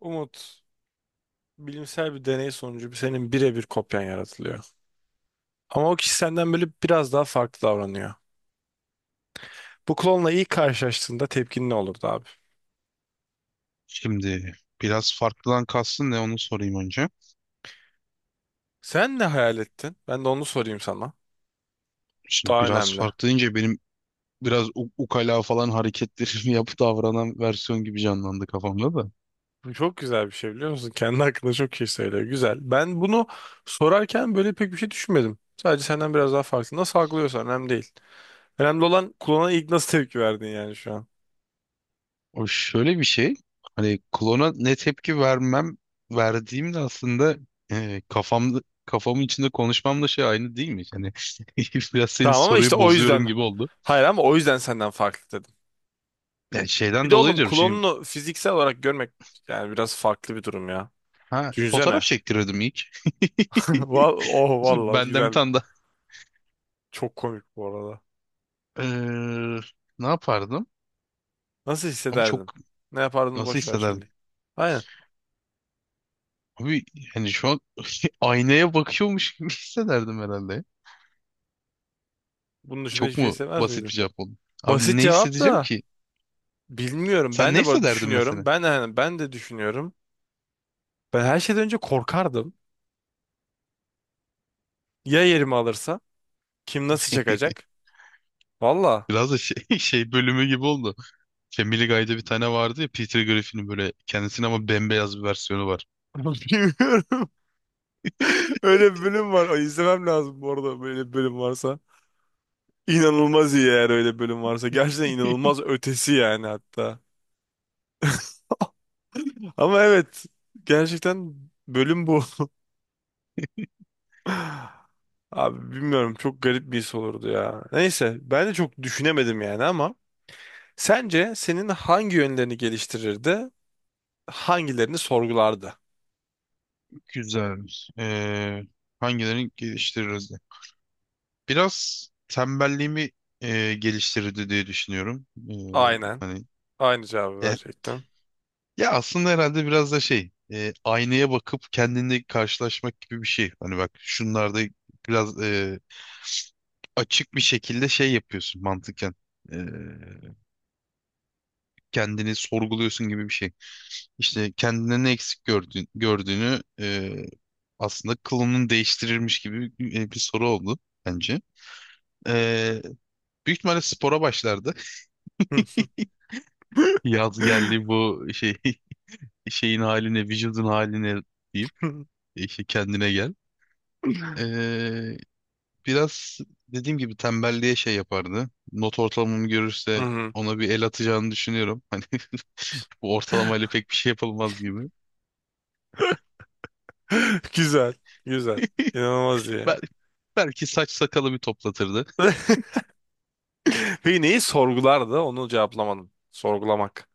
Umut, bilimsel bir deney sonucu senin birebir kopyan yaratılıyor. Ama o kişi senden böyle biraz daha farklı davranıyor. Bu klonla ilk karşılaştığında tepkin ne olurdu abi? Şimdi biraz farklıdan kastın ne onu sorayım önce. Sen ne hayal ettin? Ben de onu sorayım sana. Şimdi Daha biraz önemli. farklı deyince benim biraz ukala falan hareketlerimi yapıp davranan versiyon gibi canlandı kafamda da. Bu çok güzel bir şey biliyor musun? Kendi hakkında çok şey söylüyor. Güzel. Ben bunu sorarken böyle pek bir şey düşünmedim. Sadece senden biraz daha farklı. Nasıl algılıyorsan önemli değil. Önemli olan klona ilk nasıl tepki verdin yani şu an. O şöyle bir şey. Hani klona ne tepki verdiğimde aslında kafamda kafamın içinde konuşmamla şey aynı değil mi? Hani biraz senin Tamam, ama işte soruyu o bozuyorum yüzden. gibi oldu. Hayır, ama o yüzden senden farklı dedim. Yani Bir şeyden de dolayı oğlum, diyorum şimdi klonunu fiziksel olarak görmek yani biraz farklı bir durum ya. ha fotoğraf Düşünsene. çektirirdim ilk. Val, oh vallahi Benden bir güzel. tane daha. Çok komik bu arada. Eee, ne yapardım? Nasıl Abi hissederdin? çok Ne yapardın, nasıl boş ver hissederdim? şimdi. Aynen. Abi yani şu an aynaya bakıyormuş gibi hissederdim herhalde. Bunun dışında Çok hiçbir şey mu hissetmez basit bir miydin? cevap oldu? Abi Basit ne cevap hissedeceğim da ki? bilmiyorum. Sen Ben ne de böyle hissederdin düşünüyorum. mesela? Ben de hani ben de düşünüyorum. Ben her şeyden önce korkardım. Ya yerimi alırsa? Kim nasıl çakacak? Valla. Biraz da şey, şey bölümü gibi oldu. Family Guy'da bir tane vardı ya Peter Griffin'in böyle kendisine ama bembeyaz bir versiyonu var. Bilmiyorum. Öyle bir bölüm var. Ay, İzlemem lazım bu arada böyle bir bölüm varsa. İnanılmaz iyi eğer öyle bölüm varsa. Gerçekten inanılmaz ötesi yani, hatta. Ama evet, gerçekten bölüm bu. Abi bilmiyorum, çok garip bir his olurdu ya. Neyse, ben de çok düşünemedim yani, ama sence senin hangi yönlerini geliştirirdi, hangilerini sorgulardı? Güzelmiş. Hangilerini geliştiririz diye. Biraz tembelliğimi geliştirirdi diye düşünüyorum. Aynen. hani Aynı cevabı eh, verecektim. Ya aslında herhalde biraz da şey, aynaya bakıp kendini karşılaşmak gibi bir şey. Hani bak şunlarda biraz açık bir şekilde şey yapıyorsun mantıken. E, Kendini sorguluyorsun gibi bir şey. İşte kendine ne eksik gördüğün, gördüğünü aslında kılının değiştirilmiş gibi bir soru oldu bence. E, Büyük ihtimalle spora başlardı. Hı. Yaz geldi bu şey şeyin haline, vücudun haline deyip işte kendine gel. E, Biraz dediğim gibi tembelliğe şey yapardı. Not ortalamamı Hı görürse hı. ona bir el atacağını düşünüyorum. Hani bu ortalamayla pek bir şey yapılmaz gibi. Güzel. Güzel. İnanılmaz iyi. Bel belki saç sakalı bir toplatırdı. Peki neyi sorgulardı? Onu cevaplamadım. Sorgulamak.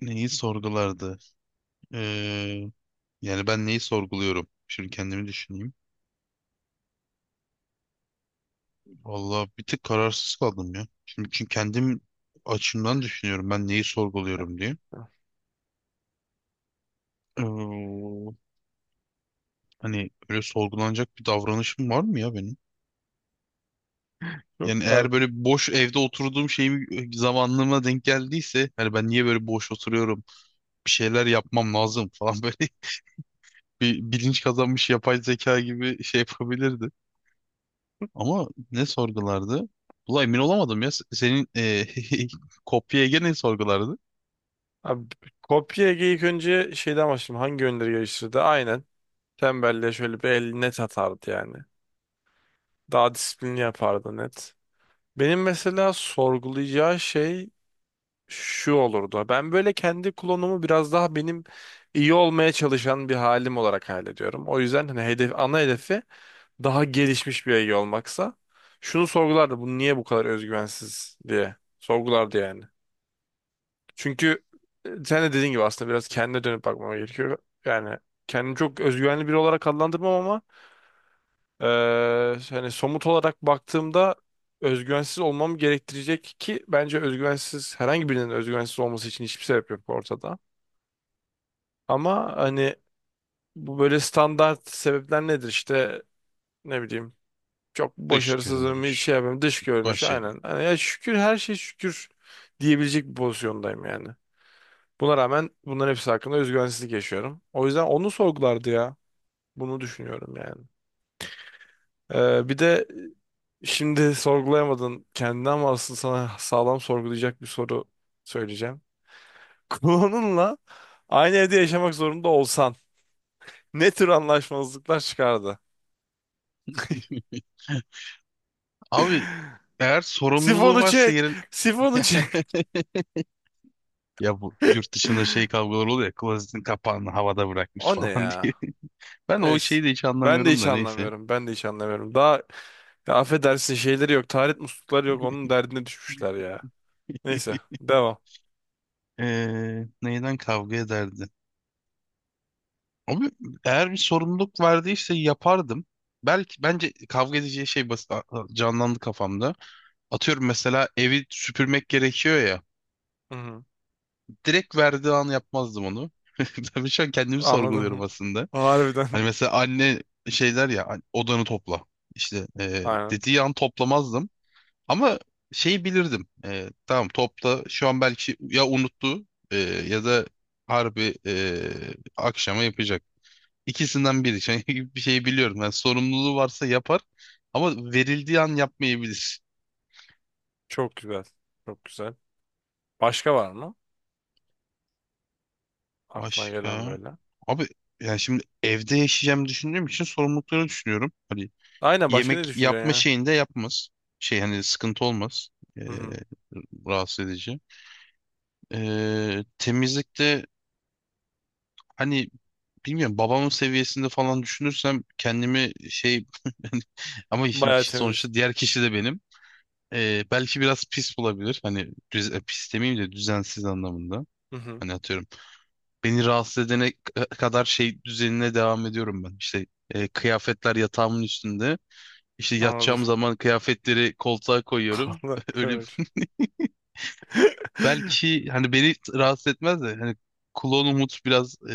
Neyi sorgulardı? Ee, yani ben neyi sorguluyorum? Şimdi kendimi düşüneyim. Vallahi bir tık kararsız kaldım ya. Şimdi çünkü kendim açımdan düşünüyorum ben neyi sorguluyorum diye. Ee, hani öyle sorgulanacak bir davranışım var mı ya benim? Yok Yani abi. eğer böyle boş evde oturduğum şeyim zamanlığıma denk geldiyse hani ben niye böyle boş oturuyorum bir şeyler yapmam lazım falan böyle bir bilinç kazanmış yapay zeka gibi şey yapabilirdi. Ama ne sorgulardı? Ulan emin olamadım ya. Senin kopya Ege ne sorgulardı? Abi, kopya Ege ilk önce şeyden başlayayım. Hangi yönleri geliştirdi? Aynen. Tembelliğe şöyle bir el net atardı yani. Daha disiplinli yapardı, net. Benim mesela sorgulayacağı şey şu olurdu. Ben böyle kendi klonumu biraz daha benim iyi olmaya çalışan bir halim olarak hallediyorum. O yüzden hani hedef, ana hedefi daha gelişmiş bir Ege olmaksa şunu sorgulardı. Bu niye bu kadar özgüvensiz diye sorgulardı yani. Çünkü sen de dediğin gibi aslında biraz kendine dönüp bakmama gerekiyor. Yani kendimi çok özgüvenli biri olarak adlandırmam ama e, hani somut olarak baktığımda özgüvensiz olmam gerektirecek ki bence özgüvensiz herhangi birinin özgüvensiz olması için hiçbir sebep yok ortada. Ama hani bu böyle standart sebepler nedir işte, ne bileyim, çok Dış başarısızım, hiç görünmüş şey yapayım. Dış görünüş, başarı. aynen. Hani ya şükür, her şey şükür diyebilecek bir pozisyondayım yani. Buna rağmen bunların hepsi hakkında özgüvensizlik yaşıyorum. O yüzden onu sorgulardı ya. Bunu düşünüyorum yani. Bir de şimdi sorgulayamadın kendini ama asıl sana sağlam sorgulayacak bir soru söyleyeceğim. Klonunla aynı evde yaşamak zorunda olsan ne tür anlaşmazlıklar çıkardı? Abi eğer sorumluluğu Sifonu varsa çek! yerin Sifonu çek! ya bu yurt dışında şey kavgaları oluyor ya klozetin kapağını havada bırakmış O ne falan diye. ya? Ben o Neyse. şeyi de hiç Ben de anlamıyorum hiç da neyse. anlamıyorum. Ben de hiç anlamıyorum. Daha, ya affedersin, şeyleri yok. Taharet muslukları yok. Onun derdine düşmüşler ya. Neyse. Devam. Neyden kavga ederdi? Abi eğer bir sorumluluk verdiyse yapardım. Belki bence kavga edeceği şey basit canlandı kafamda. Atıyorum mesela evi süpürmek gerekiyor ya. Hı-hı. Direkt verdiği an yapmazdım onu. Tabii şu an kendimi sorguluyorum Anladım. aslında. Harbiden. Hani mesela anne şeyler ya "An- odanı topla. İşte Aynen. dediği an toplamazdım. Ama şeyi bilirdim. E, tamam topla. Şu an belki ya unuttu e, ya da harbi akşama yapacak. İkisinden biri. Çünkü bir şeyi biliyorum. Yani sorumluluğu varsa yapar ama verildiği an yapmayabilir. Çok güzel. Çok güzel. Başka var mı? Aklına gelen Başka? böyle. Abi yani şimdi evde yaşayacağım düşündüğüm için sorumlulukları düşünüyorum. Hani Aynen, başka ne yemek düşüneceksin yapma ya? şeyinde yapmaz. Şey hani sıkıntı olmaz. Ee, Hı-hı. rahatsız edici. Temizlikte hani bilmiyorum babamın seviyesinde falan düşünürsem kendimi şey ama şimdi Bayağı temiz. sonuçta diğer kişi de benim. Belki biraz pis bulabilir. Hani düz, pis demeyeyim de düzensiz anlamında. Hı-hı. Hani atıyorum. Beni rahatsız edene kadar şey düzenine devam ediyorum ben. İşte kıyafetler yatağımın üstünde. İşte Anladım. yatacağım zaman kıyafetleri koltuğa koyuyorum. Kaldı. Öyle Kıvırcık. belki hani beni rahatsız etmez de hani Kulon Umut biraz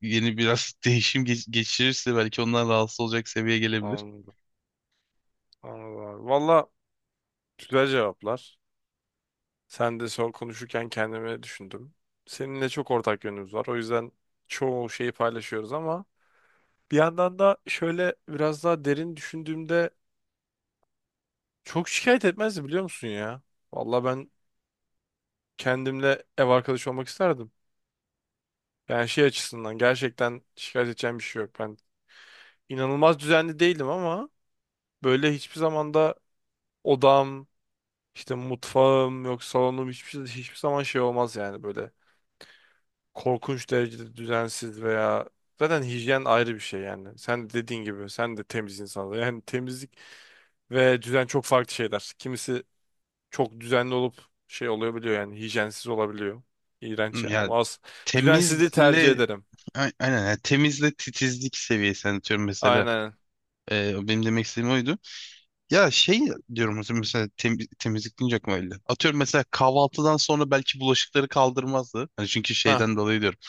yeni biraz değişim geçirirse belki ondan rahatsız olacak seviyeye gelebilir. Anladım. Anladım abi. Valla güzel cevaplar. Sen de son konuşurken kendimi düşündüm. Seninle çok ortak yönümüz var. O yüzden çoğu şeyi paylaşıyoruz ama bir yandan da şöyle biraz daha derin düşündüğümde çok şikayet etmezdi, biliyor musun ya? Vallahi ben kendimle ev arkadaşı olmak isterdim. Yani şey açısından gerçekten şikayet edeceğim bir şey yok. Ben inanılmaz düzenli değilim ama böyle hiçbir zamanda odam, işte mutfağım yok, salonum hiçbir zaman şey olmaz yani böyle, korkunç derecede düzensiz veya zaten hijyen ayrı bir şey yani. Sen dediğin gibi sen de temiz insanlar. Yani temizlik ve düzen çok farklı şeyler. Kimisi çok düzenli olup şey olabiliyor yani hijyensiz olabiliyor. İğrenç yani. Yani Olmaz. Düzensizliği tercih temizle ederim. Aynen yani temizle titizlik seviyesi anlatıyorum mesela. Aynen. Benim demek istediğim oydu. Ya şey diyorum mesela, mesela temizlik deyince aklıma geldi. Atıyorum mesela kahvaltıdan sonra belki bulaşıkları kaldırmazdı. Hani çünkü Ha, şeyden dolayı diyorum.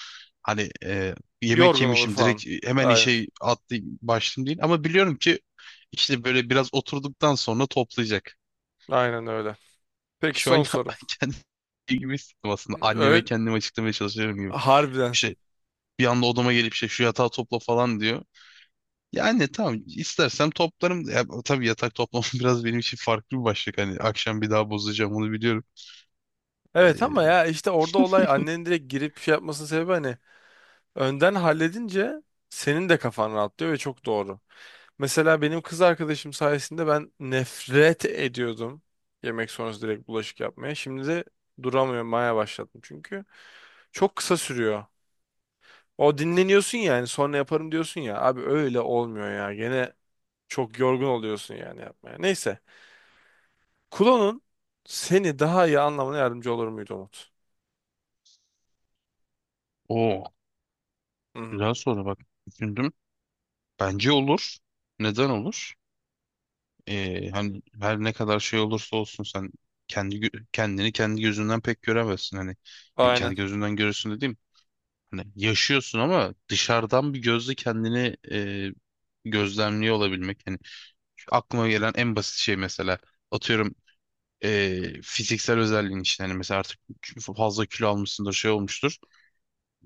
Hani yemek yorgun olur yemişim falan. direkt hemen Aynen. işe atlayayım başlayayım değil. Ama biliyorum ki işte böyle biraz oturduktan sonra toplayacak. Aynen öyle. Peki Şu an son sorum. kendi gibi hissettim aslında. Öyle, Anneme kendimi açıklamaya çalışıyorum gibi. harbiden. İşte bir anda odama gelip işte şu yatağı topla falan diyor. Yani tamam istersem toplarım. Ya, tabii yatak toplamam biraz benim için farklı bir başlık. Hani akşam bir daha bozacağım onu biliyorum. Evet, ama Ee, ya işte orada olay annenin direkt girip şey yapmasının sebebi hani önden halledince senin de kafan rahatlıyor ve çok doğru. Mesela benim kız arkadaşım sayesinde ben nefret ediyordum yemek sonrası direkt bulaşık yapmaya. Şimdi de duramıyorum, maya başladım çünkü çok kısa sürüyor. O dinleniyorsun yani, sonra yaparım diyorsun ya. Abi öyle olmuyor ya. Gene çok yorgun oluyorsun yani yapmaya. Neyse. Kulonun seni daha iyi anlamına yardımcı olur muydu Umut? o Hı hı. güzel soru bak düşündüm. Bence olur. Neden olur? Hani her ne kadar şey olursa olsun sen kendi kendini kendi gözünden pek göremezsin. Hani yani Aynen. kendi gözünden görürsün dediğim hani yaşıyorsun ama dışarıdan bir gözle kendini gözlemliyor olabilmek. Hani şu aklıma gelen en basit şey mesela atıyorum fiziksel özelliğin işte hani mesela artık fazla kilo almışsındır şey olmuştur.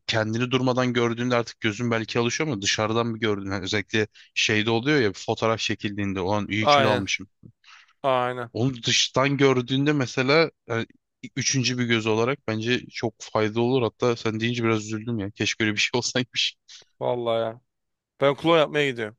Kendini durmadan gördüğünde artık gözün belki alışıyor ama dışarıdan bir gördüğünde hani özellikle şeyde oluyor ya bir fotoğraf çekildiğinde olan iyi kilo Aynen. almışım. Aynen. Onu dıştan gördüğünde mesela yani üçüncü bir göz olarak bence çok faydalı olur. Hatta sen deyince biraz üzüldüm ya. Keşke öyle bir şey olsaymış. Vallahi ya. Ben klon yapmaya gidiyorum.